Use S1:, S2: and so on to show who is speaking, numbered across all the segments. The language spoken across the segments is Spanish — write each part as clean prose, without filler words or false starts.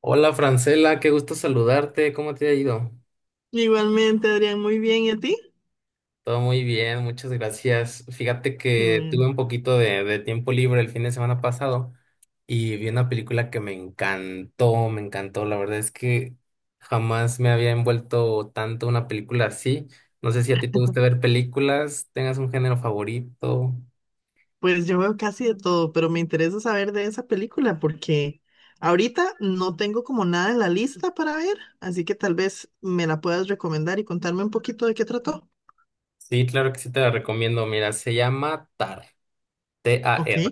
S1: Hola Francela, qué gusto saludarte. ¿Cómo te ha ido?
S2: Igualmente, Adrián, muy bien. ¿Y a ti?
S1: Todo muy bien, muchas gracias. Fíjate
S2: Qué
S1: que tuve
S2: bueno.
S1: un poquito de tiempo libre el fin de semana pasado y vi una película que me encantó, me encantó. La verdad es que jamás me había envuelto tanto una película así. No sé si a ti te gusta ver películas, tengas un género favorito.
S2: Pues yo veo casi de todo, pero me interesa saber de esa película porque ahorita no tengo como nada en la lista para ver, así que tal vez me la puedas recomendar y contarme un poquito de qué trató.
S1: Sí, claro que sí te la recomiendo. Mira, se llama TAR,
S2: Ok.
S1: TAR.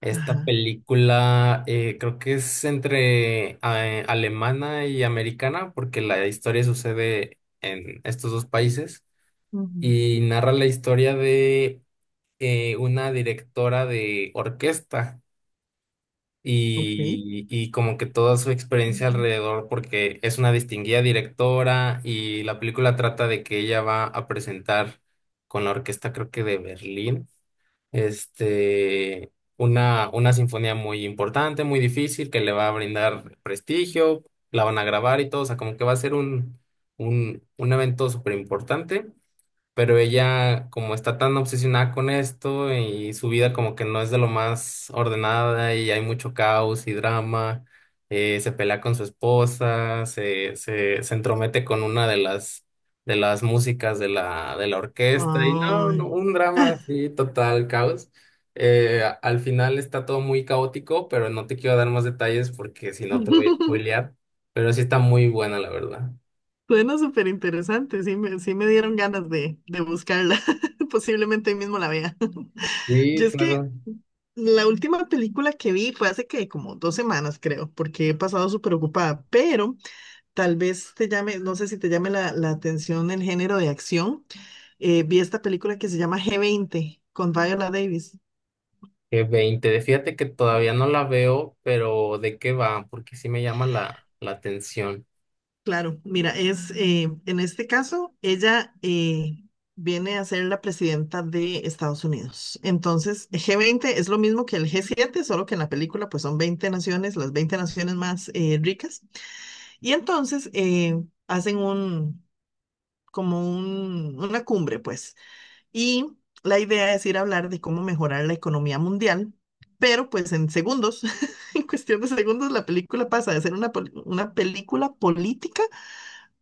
S1: Esta
S2: Ajá.
S1: película, creo que es entre, alemana y americana, porque la historia sucede en estos dos países
S2: Ujú.
S1: y narra la historia de, una directora de orquesta,
S2: Ok.
S1: y como que toda su experiencia
S2: Ujú.
S1: alrededor, porque es una distinguida directora y la película trata de que ella va a presentar con la orquesta, creo que de Berlín, este, una sinfonía muy importante, muy difícil, que le va a brindar prestigio. La van a grabar y todo, o sea, como que va a ser un evento súper importante, pero ella como está tan obsesionada con esto y su vida como que no es de lo más ordenada y hay mucho caos y drama. Se pelea con su esposa, se entromete con una de las músicas de la orquesta y no, no,
S2: Ay.
S1: un drama así, total caos. Al final está todo muy caótico, pero no te quiero dar más detalles porque si no te voy a spoilear, pero sí está muy buena la verdad.
S2: Suena súper interesante, sí me dieron ganas de buscarla. Posiblemente hoy mismo la vea.
S1: Sí,
S2: Yo es que
S1: claro.
S2: la última película que vi fue hace que como 2 semanas, creo, porque he pasado súper ocupada, pero tal vez te llame, no sé si te llame la atención el género de acción. Vi esta película que se llama G20 con Viola Davis.
S1: Que 20, fíjate que todavía no la veo, pero ¿de qué va? Porque sí me llama la atención.
S2: Claro, mira, es en este caso, ella viene a ser la presidenta de Estados Unidos. Entonces, G20 es lo mismo que el G7, solo que en la película pues son 20 naciones, las 20 naciones más ricas. Y entonces hacen una cumbre, pues. Y la idea es ir a hablar de cómo mejorar la economía mundial, pero pues en segundos, en cuestión de segundos, la película pasa de ser una película política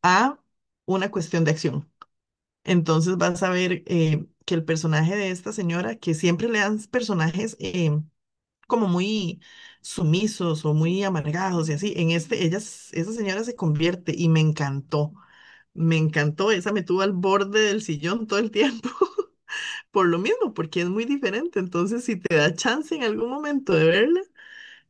S2: a una cuestión de acción. Entonces vas a ver que el personaje de esta señora, que siempre le dan personajes como muy sumisos o muy amargados y así, en este, esa señora se convierte y me encantó, esa me tuvo al borde del sillón todo el tiempo. Por lo mismo, porque es muy diferente. Entonces, si te da chance en algún momento de verla,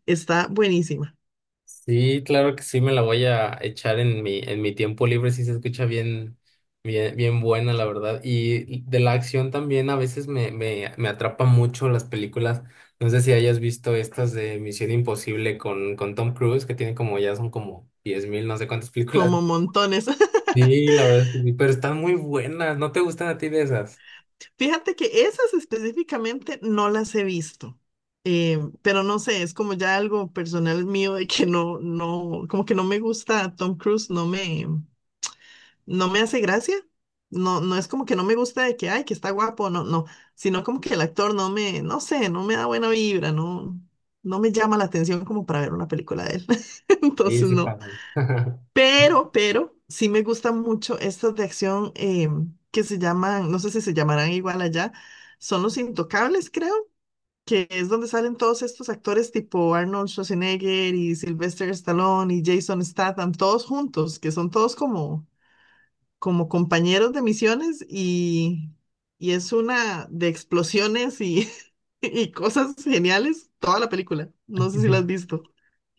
S2: está buenísima.
S1: Sí, claro que sí me la voy a echar en mi tiempo libre, sí se escucha bien, bien, bien buena, la verdad. Y de la acción también a veces me atrapa mucho las películas. No sé si hayas visto estas de Misión Imposible con Tom Cruise, que tiene como, ya son como 10.000, no sé cuántas películas.
S2: Como montones.
S1: Sí, la verdad es que sí, pero están muy buenas. ¿No te gustan a ti de esas?
S2: Fíjate que esas específicamente no las he visto, pero no sé, es como ya algo personal mío de que no, no, como que no me gusta Tom Cruise, no me hace gracia. No, no es como que no me gusta de que, ay, que está guapo, no, no, sino como que el actor no me, no sé, no me da buena vibra, no, no me llama la atención como para ver una película de él.
S1: Sí,
S2: Entonces,
S1: sí,
S2: no.
S1: pasan.
S2: Sí me gustan mucho estas de acción que se llaman, no sé si se llamarán igual allá, son Los Intocables, creo, que es donde salen todos estos actores tipo Arnold Schwarzenegger y Sylvester Stallone y Jason Statham, todos juntos, que son todos como, como compañeros de misiones y es una de explosiones y, y cosas geniales, toda la película. No sé si la has visto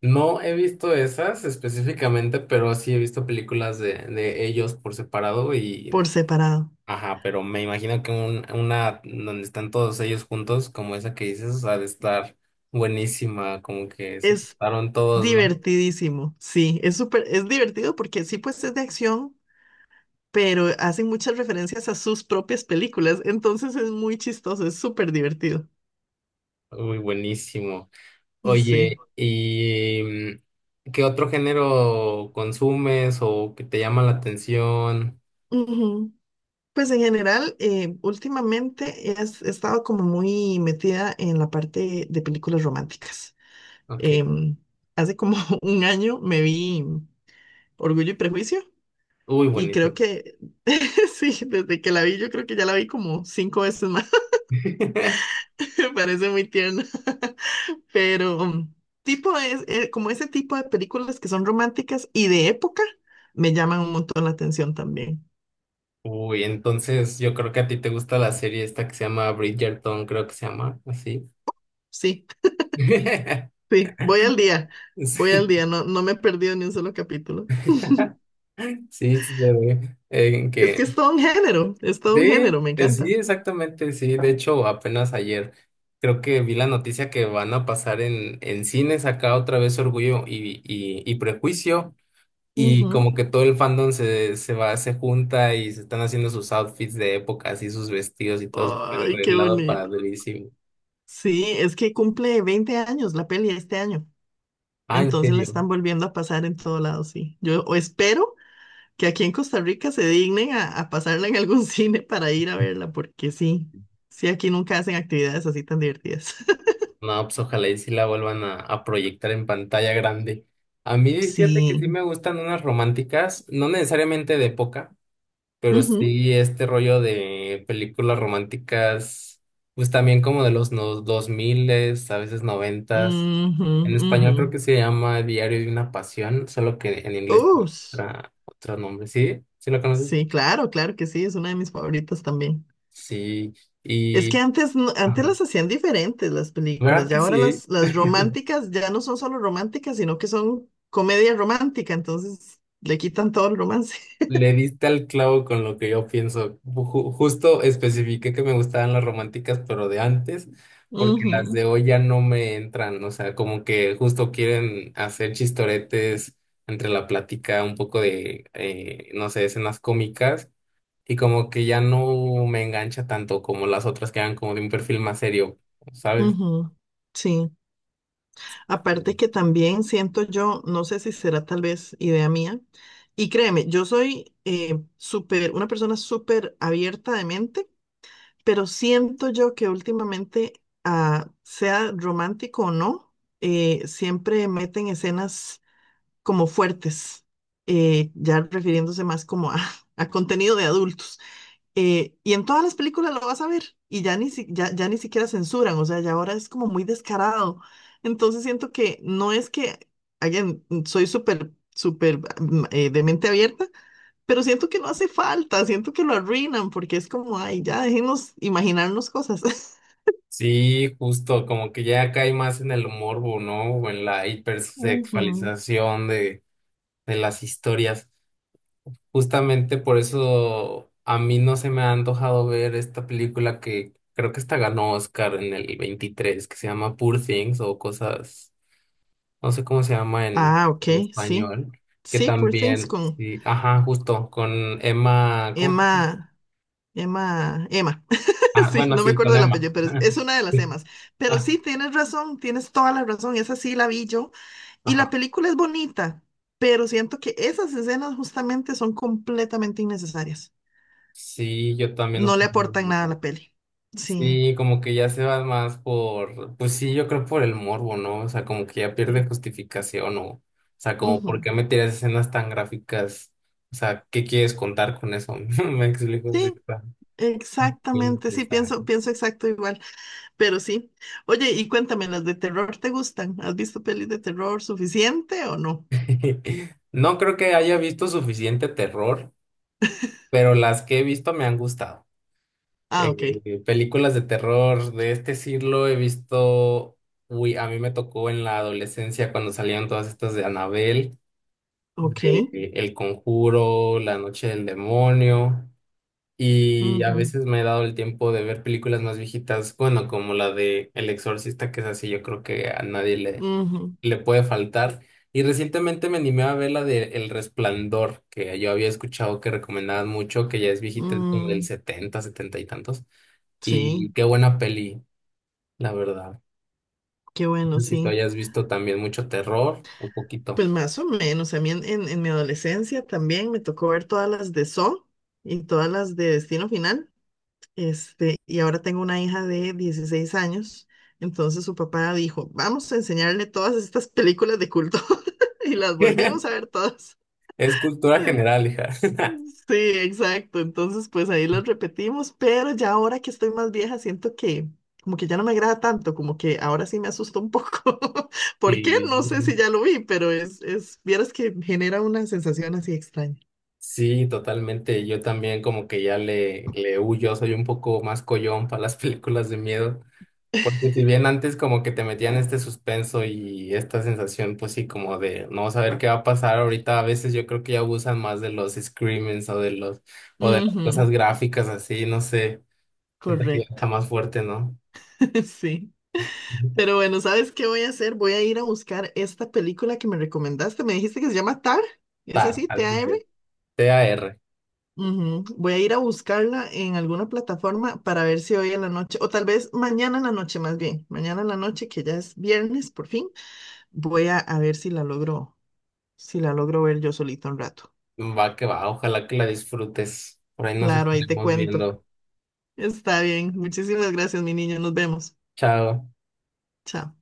S1: No he visto esas específicamente, pero sí he visto películas de ellos por separado
S2: por separado.
S1: ajá, pero me imagino que una donde están todos ellos juntos, como esa que dices, ha de estar buenísima, como que se
S2: Es
S1: juntaron todos, ¿no?
S2: divertidísimo, sí, es súper, es divertido porque sí, pues es de acción, pero hacen muchas referencias a sus propias películas, entonces es muy chistoso, es súper divertido,
S1: Uy, buenísimo.
S2: sí.
S1: Oye, ¿y qué otro género consumes o que te llama la atención?
S2: Ujú. Pues en general, últimamente he estado como muy metida en la parte de películas románticas.
S1: Ok,
S2: Em, hace como un año me vi Orgullo y Prejuicio
S1: uy,
S2: y creo
S1: buenísimo.
S2: que, sí, desde que la vi, yo creo que ya la vi como cinco veces más, me parece muy tierna. Pero tipo es, como ese tipo de películas que son románticas y de época me llaman un montón la atención también.
S1: Uy, entonces yo creo que a ti te gusta la serie esta que se llama Bridgerton, creo que se llama así.
S2: Sí, sí, voy
S1: Sí,
S2: al día, no, no me he perdido ni un solo capítulo.
S1: sí, sí, se ve.
S2: Es que es todo un género, es todo un
S1: Sí,
S2: género, me
S1: sí,
S2: encanta.
S1: exactamente, sí. De hecho, apenas ayer creo que vi la noticia que van a pasar en, cines acá otra vez Orgullo y Prejuicio. Y
S2: Ujú.
S1: como que todo el fandom se va, se junta y se están haciendo sus outfits de época, así sus vestidos y todo súper
S2: Ay, qué
S1: arreglado para
S2: bonito.
S1: durísimo.
S2: Sí, es que cumple 20 años la peli este año,
S1: Ah, ¿en
S2: entonces la están
S1: serio?
S2: volviendo a pasar en todo lado, sí. Yo o espero que aquí en Costa Rica se dignen a pasarla en algún cine para ir a verla, porque sí, sí, aquí nunca hacen actividades así tan divertidas.
S1: No, pues ojalá y sí la vuelvan a proyectar en pantalla grande. A mí, fíjate que
S2: Sí.
S1: sí me gustan unas románticas, no necesariamente de época, pero
S2: Ujú,
S1: sí este rollo de películas románticas, pues también como de los, no, 2000, a veces 90.
S2: ujú,
S1: En
S2: ujú.
S1: español creo que se llama Diario de una Pasión, solo que en inglés tiene
S2: Ush.
S1: otra, otro nombre. ¿Sí? ¿Sí lo conoces?
S2: Sí, claro, claro que sí, es una de mis favoritas también.
S1: Sí.
S2: Es que
S1: Y...
S2: antes, antes
S1: ajá.
S2: las hacían diferentes las películas,
S1: ¿Verdad que
S2: ya ahora
S1: sí?
S2: las románticas ya no son solo románticas, sino que son comedia romántica, entonces le quitan todo el romance.
S1: Le diste al clavo con lo que yo pienso. Justo especifiqué que me gustaban las románticas, pero de antes, porque las
S2: Ujú,
S1: de hoy ya no me entran. O sea, como que justo quieren hacer chistoretes entre la plática, un poco de, no sé, escenas cómicas, y como que ya no me engancha tanto como las otras, que eran como de un perfil más serio, ¿sabes?
S2: ujú. Sí.
S1: Sí.
S2: Aparte que también siento yo, no sé si será tal vez idea mía, y créeme, yo soy súper, una persona súper abierta de mente, pero siento yo que últimamente, ah, sea romántico o no, siempre meten escenas como fuertes, ya refiriéndose más como a, a contenido de adultos. Y en todas las películas lo vas a ver y ya ni siquiera censuran, o sea, ya ahora es como muy descarado. Entonces siento que no es que, again, soy súper, súper de mente abierta, pero siento que no hace falta, siento que lo arruinan porque es como, ay, ya dejemos imaginarnos cosas.
S1: Sí, justo, como que ya cae más en el morbo, ¿no? O en la
S2: Ujú.
S1: hipersexualización de las historias. Justamente por eso a mí no se me ha antojado ver esta película, que creo que esta ganó Oscar en el 23, que se llama Poor Things o cosas, no sé cómo se llama en,
S2: Ah,
S1: en
S2: ok, sí,
S1: español, que
S2: sí, Poor Things
S1: también,
S2: con
S1: sí, ajá, justo con Emma, ¿cómo?
S2: Emma, Emma, Emma.
S1: Ah,
S2: Sí,
S1: bueno,
S2: no me
S1: sí,
S2: acuerdo
S1: con
S2: del
S1: Emma.
S2: apellido, pero es una de las
S1: Sí.
S2: emas. Pero
S1: Ah,
S2: sí, tienes razón, tienes toda la razón, esa sí la vi yo. Y la
S1: ajá.
S2: película es bonita, pero siento que esas escenas justamente son completamente innecesarias.
S1: Sí, yo también
S2: No le
S1: opino.
S2: aportan nada a la peli. Sí,
S1: Sí, como que ya se va más por, pues sí, yo creo, por el morbo, ¿no? O sea, como que ya pierde
S2: sí.
S1: justificación, o sea, como ¿por
S2: Ujú.
S1: qué me tiras escenas tan gráficas? O sea, ¿qué quieres contar con eso? Me explico, sí,
S2: Sí,
S1: está
S2: exactamente, sí, pienso,
S1: innecesario.
S2: pienso exacto igual, pero sí. Oye, y cuéntame, ¿las de terror te gustan? ¿Has visto pelis de terror suficiente o no?
S1: No creo que haya visto suficiente terror, pero las que he visto me han gustado.
S2: Ah, ok,
S1: Películas de terror de este siglo he visto, uy, a mí me tocó en la adolescencia cuando salieron todas estas de Anabel,
S2: ok.
S1: de El Conjuro, La Noche del Demonio, y a
S2: Ujú,
S1: veces me he dado el tiempo de ver películas más viejitas, bueno, como la de El Exorcista, que es así, yo creo que a nadie le,
S2: ujú,
S1: le puede faltar. Y recientemente me animé a ver la de El Resplandor, que yo había escuchado que recomendaban mucho, que ya es viejita, es como del
S2: mm,
S1: setenta y tantos.
S2: sí.
S1: Y qué buena peli, la verdad.
S2: Qué bueno,
S1: No sé si tú
S2: sí.
S1: hayas visto también mucho terror, un poquito.
S2: Pues más o menos. A mí en mi adolescencia también me tocó ver todas las de Saw y todas las de Destino Final. Este, y ahora tengo una hija de 16 años. Entonces su papá dijo, vamos a enseñarle todas estas películas de culto. Y las volvimos a ver todas.
S1: Es cultura general, hija.
S2: Sí, exacto. Entonces, pues ahí los repetimos, pero ya ahora que estoy más vieja, siento que como que ya no me agrada tanto, como que ahora sí me asusta un poco. ¿Por qué?
S1: Sí.
S2: No sé si ya lo vi, pero es, vieras que genera una sensación así extraña.
S1: Sí, totalmente. Yo también como que ya le huyo, soy un poco más collón para las películas de miedo, porque si bien antes como que te metían este suspenso y esta sensación pues sí, como de no saber qué va a pasar, ahorita a veces yo creo que ya abusan más de los screamings, o de las
S2: Ujú,
S1: cosas gráficas así, no sé, siento que ya está
S2: correcto.
S1: más fuerte, ¿no?
S2: Sí.
S1: Ujú.
S2: Pero bueno, ¿sabes qué voy a hacer? Voy a ir a buscar esta película que me recomendaste. Me dijiste que se llama Tar. ¿Es
S1: Ta,
S2: así?
S1: así
S2: ¿T-A-R?
S1: es. TAR,
S2: Ujú. Voy a ir a buscarla en alguna plataforma para ver si hoy en la noche, o tal vez mañana en la noche más bien, mañana en la noche que ya es viernes por fin, voy a ver si la logro, si la logro ver yo solito un rato.
S1: va que va, ojalá que la disfrutes. Por ahí nos
S2: Claro, ahí te
S1: estaremos
S2: cuento.
S1: viendo.
S2: Está bien. Muchísimas gracias, mi niño. Nos vemos.
S1: Chao.
S2: Chao.